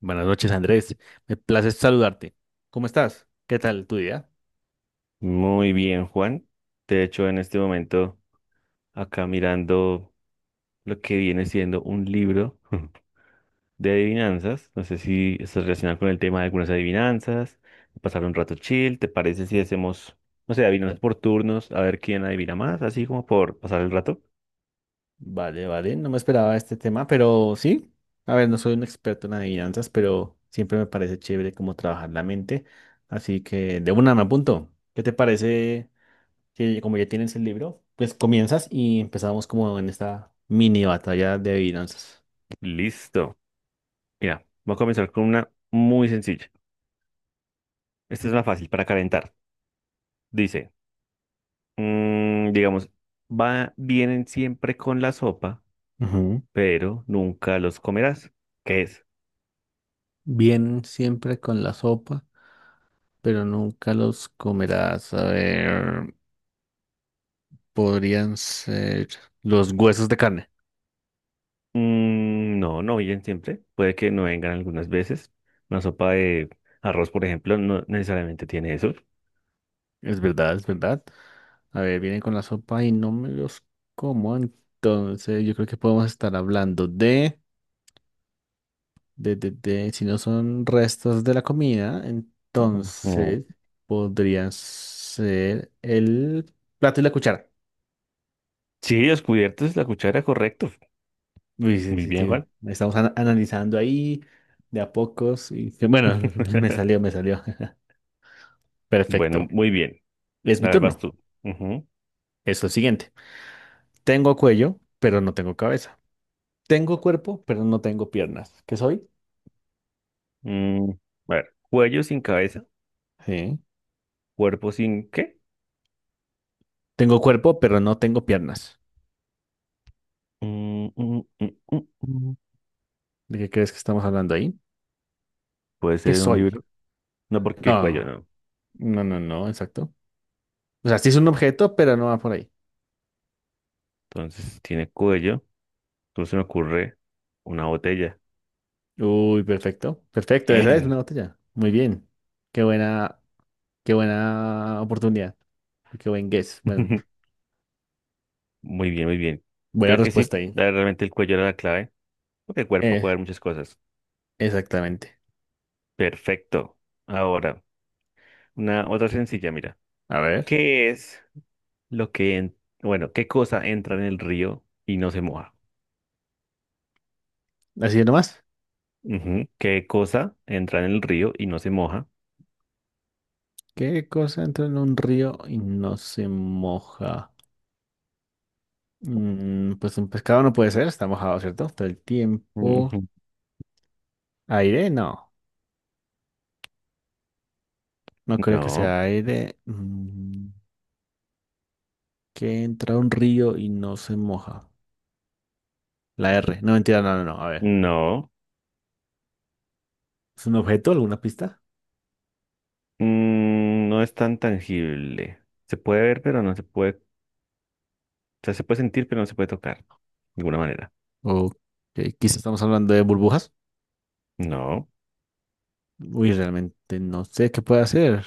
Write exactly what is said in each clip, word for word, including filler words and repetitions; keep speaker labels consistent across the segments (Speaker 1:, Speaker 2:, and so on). Speaker 1: Buenas noches, Andrés. Me place saludarte. ¿Cómo estás? ¿Qué tal tu día?
Speaker 2: Muy bien, Juan. De hecho, en este momento, acá mirando lo que viene siendo un libro de adivinanzas. No sé si estás relacionado con el tema de algunas adivinanzas. Pasar un rato chill. ¿Te parece si hacemos, no sé, adivinanzas por turnos? A ver quién adivina más, así como por pasar el rato.
Speaker 1: Vale, vale. No me esperaba este tema, pero sí. A ver, no soy un experto en adivinanzas, pero siempre me parece chévere cómo trabajar la mente. Así que de una me apunto. ¿Qué te parece que como ya tienes el libro, pues comienzas y empezamos como en esta mini batalla de adivinanzas?
Speaker 2: Listo. Mira, voy a comenzar con una muy sencilla. Esta es una fácil para calentar. Dice, mm, digamos, va, vienen siempre con la sopa
Speaker 1: Ujú.
Speaker 2: pero nunca los comerás. ¿Qué es?
Speaker 1: Vienen siempre con la sopa, pero nunca los comerás. A ver, podrían ser los huesos de carne.
Speaker 2: Mm, no, no vienen siempre. Puede que no vengan algunas veces. Una sopa de arroz, por ejemplo, no necesariamente tiene eso.
Speaker 1: Es verdad, es verdad. A ver, vienen con la sopa y no me los como. Entonces, yo creo que podemos estar hablando de, de, de, de, si no son restos de la comida,
Speaker 2: Ujú.
Speaker 1: entonces podrían ser el plato y la cuchara.
Speaker 2: Sí, los cubiertos, es la cuchara, correcto.
Speaker 1: Uy, sí,
Speaker 2: Muy
Speaker 1: sí,
Speaker 2: bien, Juan.
Speaker 1: sí. Estamos ana- analizando ahí de a pocos y bueno, me salió, me salió.
Speaker 2: Bueno,
Speaker 1: Perfecto.
Speaker 2: muy bien.
Speaker 1: Es mi
Speaker 2: A ver, vas
Speaker 1: turno.
Speaker 2: tú. Ujú.
Speaker 1: Es lo siguiente. Tengo cuello, pero no tengo cabeza. Tengo cuerpo, pero no tengo piernas. ¿Qué soy?
Speaker 2: Mm, a ver, cuello sin cabeza,
Speaker 1: Sí.
Speaker 2: cuerpo sin qué.
Speaker 1: Tengo cuerpo, pero no tengo piernas.
Speaker 2: Mm, mm, mm, mm, mm.
Speaker 1: ¿De qué crees que estamos hablando ahí?
Speaker 2: Puede
Speaker 1: ¿Qué
Speaker 2: ser un
Speaker 1: soy?
Speaker 2: libro. No, porque cuello
Speaker 1: No,
Speaker 2: no.
Speaker 1: no, no, no, exacto. O sea, sí es un objeto, pero no va por ahí.
Speaker 2: Entonces tiene cuello. Entonces se me ocurre una botella.
Speaker 1: Uy, perfecto. Perfecto, esa es una
Speaker 2: Bien.
Speaker 1: botella. Muy bien. Qué buena, qué buena oportunidad. Qué buen guess. Bueno,
Speaker 2: Muy bien, muy bien.
Speaker 1: buena
Speaker 2: Creo que sí,
Speaker 1: respuesta ahí.
Speaker 2: la- realmente el cuello era la clave, porque el cuerpo
Speaker 1: Eh,
Speaker 2: puede dar muchas cosas.
Speaker 1: Exactamente.
Speaker 2: Perfecto. Ahora, una otra sencilla, mira.
Speaker 1: A ver,
Speaker 2: ¿Qué es lo que, en- bueno, qué cosa entra en el río y no se moja?
Speaker 1: así nomás.
Speaker 2: Ujú. ¿Qué cosa entra en el río y no se moja?
Speaker 1: ¿Qué cosa entra en un río y no se moja? Mm, pues un pescado no puede ser, está mojado, ¿cierto? Todo el tiempo.
Speaker 2: Ujú.
Speaker 1: Aire, no, no creo que
Speaker 2: No,
Speaker 1: sea aire. Mm, que entra a un río y no se moja. La R, no mentira, no, no, no. A ver,
Speaker 2: no,
Speaker 1: ¿es un objeto, alguna pista?
Speaker 2: Mm, no es tan tangible. Se puede ver, pero no se puede, o sea, se puede sentir, pero no se puede tocar, de alguna manera.
Speaker 1: O que quizás estamos hablando de burbujas.
Speaker 2: No,
Speaker 1: Uy, realmente no sé qué puede hacer.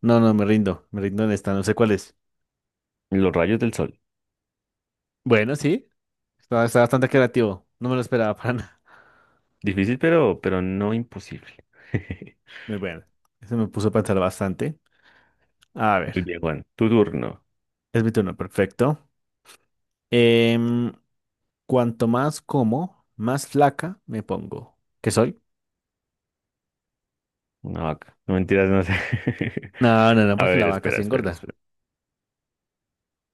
Speaker 1: No, no, me rindo, me rindo en esta, no sé cuál es.
Speaker 2: los rayos del sol.
Speaker 1: Bueno, sí, está, está bastante creativo. No me lo esperaba para nada.
Speaker 2: Difícil, pero, pero no imposible.
Speaker 1: Muy bueno, eso me puso a pensar bastante. A
Speaker 2: Muy
Speaker 1: ver,
Speaker 2: bien, Juan. Tu turno.
Speaker 1: es mi turno, perfecto. Em, Cuanto más como, más flaca me pongo. ¿Qué soy?
Speaker 2: Una vaca. No mentiras, no sé.
Speaker 1: No, no, no,
Speaker 2: A
Speaker 1: porque la
Speaker 2: ver,
Speaker 1: vaca
Speaker 2: espera,
Speaker 1: sí
Speaker 2: espera,
Speaker 1: engorda.
Speaker 2: espera.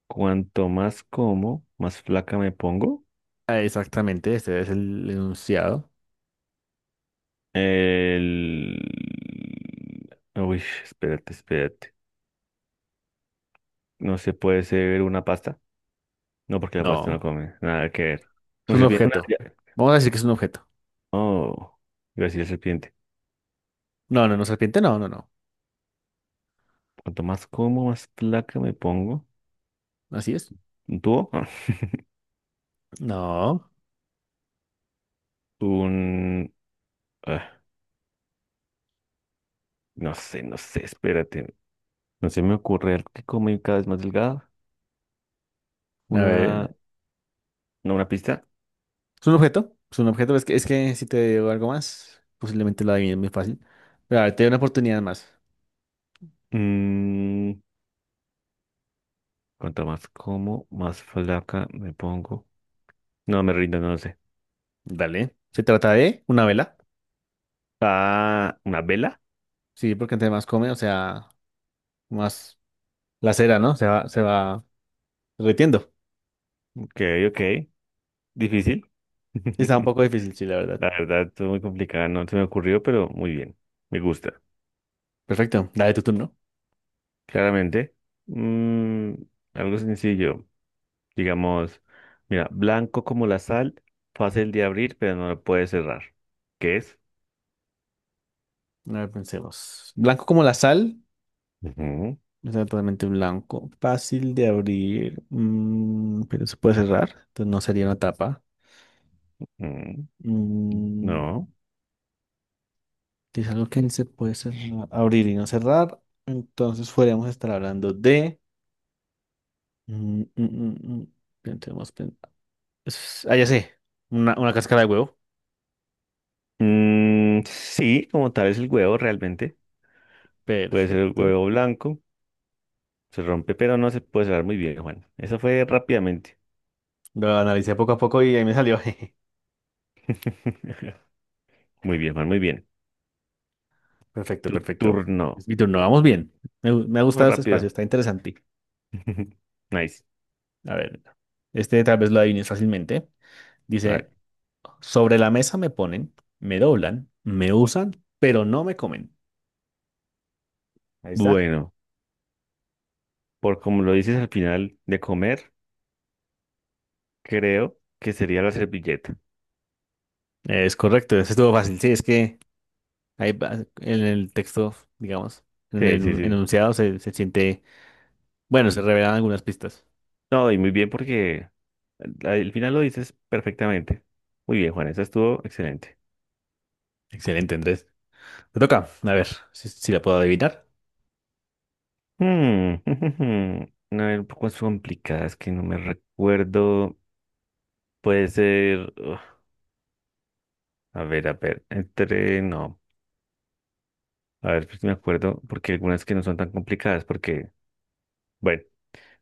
Speaker 2: Cuanto más como, más flaca me pongo.
Speaker 1: Ah, exactamente, este es el enunciado.
Speaker 2: El... Uy, espérate, espérate. No se puede ser una pasta. No, porque la pasta no
Speaker 1: No,
Speaker 2: come. Nada que ver.
Speaker 1: es
Speaker 2: Una
Speaker 1: un
Speaker 2: serpiente. Una...
Speaker 1: objeto.
Speaker 2: ya.
Speaker 1: Vamos a decir que es un objeto.
Speaker 2: Oh, iba a decir serpiente.
Speaker 1: No, no, no, serpiente, no, no, no.
Speaker 2: Cuanto más como, más flaca me pongo.
Speaker 1: Así es.
Speaker 2: ¿Un tubo?
Speaker 1: No,
Speaker 2: Un... No sé, no sé, espérate. No se me ocurre algo que come cada vez más delgado.
Speaker 1: a
Speaker 2: Una,
Speaker 1: ver.
Speaker 2: no, una pista.
Speaker 1: ¿Es un objeto? Es un objeto, es que, es que si te digo algo más, posiblemente lo adivines muy fácil. Pero a ver, te doy una oportunidad más.
Speaker 2: Mm, cuanto más como, más flaca me pongo. No, me rindo, no lo sé.
Speaker 1: Dale. Se trata de una vela.
Speaker 2: Ah, una vela.
Speaker 1: Sí, porque entre más come, o sea, más la cera, ¿no? Se va, se va derritiendo.
Speaker 2: Ok, ok. Difícil.
Speaker 1: Está un poco difícil, sí, la verdad.
Speaker 2: La verdad, es muy complicada. No se me ocurrió, pero muy bien. Me gusta.
Speaker 1: Perfecto. Dale tu turno.
Speaker 2: Claramente. Mm, algo sencillo. Digamos, mira, blanco como la sal, fácil de abrir, pero no lo puedes cerrar. ¿Qué es?
Speaker 1: A ver, pensemos. Blanco como la sal.
Speaker 2: Ujú,
Speaker 1: Está totalmente blanco. Fácil de abrir. Mm, pero se puede cerrar. Entonces no sería una tapa.
Speaker 2: mm,
Speaker 1: Mm,
Speaker 2: no.
Speaker 1: es algo que se puede cerrar- abrir y no cerrar. Entonces podríamos estar hablando de. mm, mm, mm, mm, Pensemos. pen- es- Ah, ya sé. Una, una cáscara de huevo.
Speaker 2: Mm, sí, como tal es el huevo realmente. Puede ser el
Speaker 1: Perfecto.
Speaker 2: huevo blanco. Se rompe, pero no se puede cerrar muy bien, Juan. Eso fue rápidamente.
Speaker 1: Lo analicé poco a poco y ahí me salió.
Speaker 2: Muy bien, Juan, muy bien.
Speaker 1: Perfecto,
Speaker 2: Tu
Speaker 1: perfecto.
Speaker 2: turno.
Speaker 1: Es mi turno, vamos bien. Me, gu- me ha
Speaker 2: Muy
Speaker 1: gustado este espacio,
Speaker 2: rápido.
Speaker 1: está interesante.
Speaker 2: Nice.
Speaker 1: A ver, este tal vez lo adivines fácilmente.
Speaker 2: A ver.
Speaker 1: Dice, sobre la mesa me ponen, me doblan, me usan, pero no me comen. Ahí está.
Speaker 2: Bueno, por como lo dices al final de comer, creo que sería la servilleta.
Speaker 1: Es correcto, ese estuvo fácil. Sí, es que ahí va- en el texto, digamos, en
Speaker 2: Sí, sí,
Speaker 1: el
Speaker 2: sí.
Speaker 1: enunciado se, se siente, bueno, se revelan algunas pistas.
Speaker 2: No, y muy bien porque al al final lo dices perfectamente. Muy bien, Juan, eso estuvo excelente.
Speaker 1: Excelente, Andrés. Te toca, a ver si, si la puedo adivinar.
Speaker 2: Hmm, a ver, un poco complicadas que no me recuerdo. Puede ser. Uf, a ver, a ver. Entre. No. A ver, pues me acuerdo. Porque algunas que no son tan complicadas. Porque, bueno,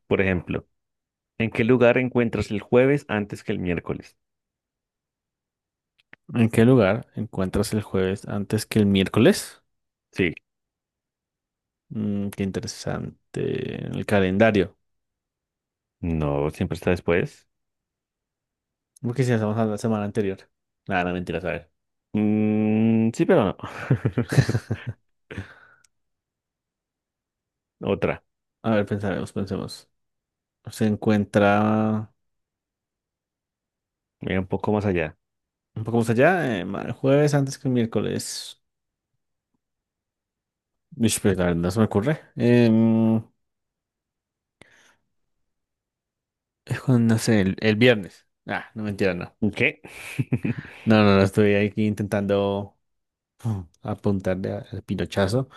Speaker 2: por ejemplo, ¿en qué lugar encuentras el jueves antes que el miércoles?
Speaker 1: ¿En qué lugar encuentras el jueves antes que el miércoles?
Speaker 2: Sí.
Speaker 1: Mm, qué interesante. El calendario.
Speaker 2: No, siempre está después.
Speaker 1: ¿Por qué si hacemos a la semana anterior? Nada, no, mentiras, a ver.
Speaker 2: Mm, sí, pero no. Otra.
Speaker 1: A ver, pensaremos, pensemos. Se encuentra
Speaker 2: Mira un poco más allá.
Speaker 1: un poco más allá, eh, ma- jueves antes que el miércoles. Uish, pues, la verdad, no se me ocurre. Em, es cuando, no sé, el, el viernes. Ah, no, mentira, no.
Speaker 2: ¿Qué?
Speaker 1: No, no, no, estoy aquí intentando uh, apuntarle a- al pinochazo.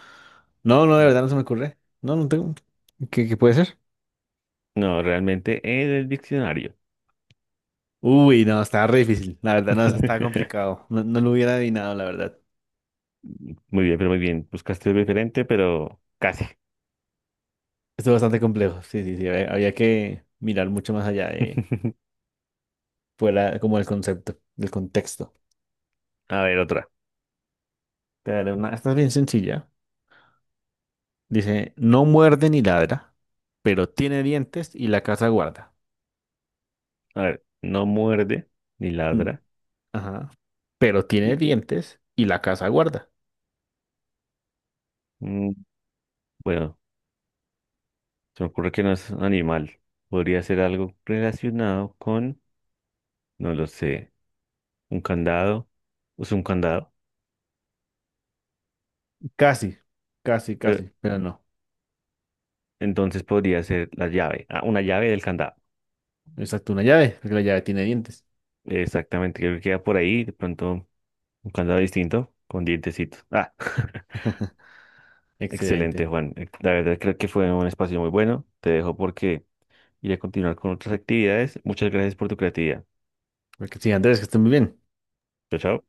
Speaker 1: No, no, de verdad no se me ocurre. No, no tengo. ¿Qué, qué puede ser?
Speaker 2: No, realmente en el diccionario.
Speaker 1: Uy, no, estaba re difícil, la verdad, no, estaba complicado. No, no lo hubiera adivinado, la verdad.
Speaker 2: Muy bien, pero muy bien. Buscaste algo diferente, pero casi.
Speaker 1: Estuvo bastante complejo, sí, sí, sí. Había, había que mirar mucho más allá de fuera como el concepto, el contexto.
Speaker 2: A ver, otra.
Speaker 1: Pero una, esta es bien sencilla. Dice, no muerde ni ladra, pero tiene dientes y la casa guarda.
Speaker 2: A ver, no muerde ni
Speaker 1: Mm,
Speaker 2: ladra.
Speaker 1: ajá. Pero tiene dientes y la casa guarda.
Speaker 2: Mm, Bueno, se me ocurre que no es un animal. Podría ser algo relacionado con, no lo sé, un candado. Es un candado.
Speaker 1: Casi, casi,
Speaker 2: Eh,
Speaker 1: casi, pero no.
Speaker 2: entonces podría ser la llave. Ah, una llave del candado.
Speaker 1: Exacto, una llave, porque la llave tiene dientes.
Speaker 2: Exactamente, creo que queda por ahí. De pronto, un candado distinto con dientecitos. Ah,
Speaker 1: Excelente.
Speaker 2: excelente, Juan. Eh, La verdad creo que fue un espacio muy bueno. Te dejo porque y a continuar con otras actividades. Muchas gracias por tu creatividad.
Speaker 1: Porque sí, Andrés, que estás muy bien.
Speaker 2: Chao, chao.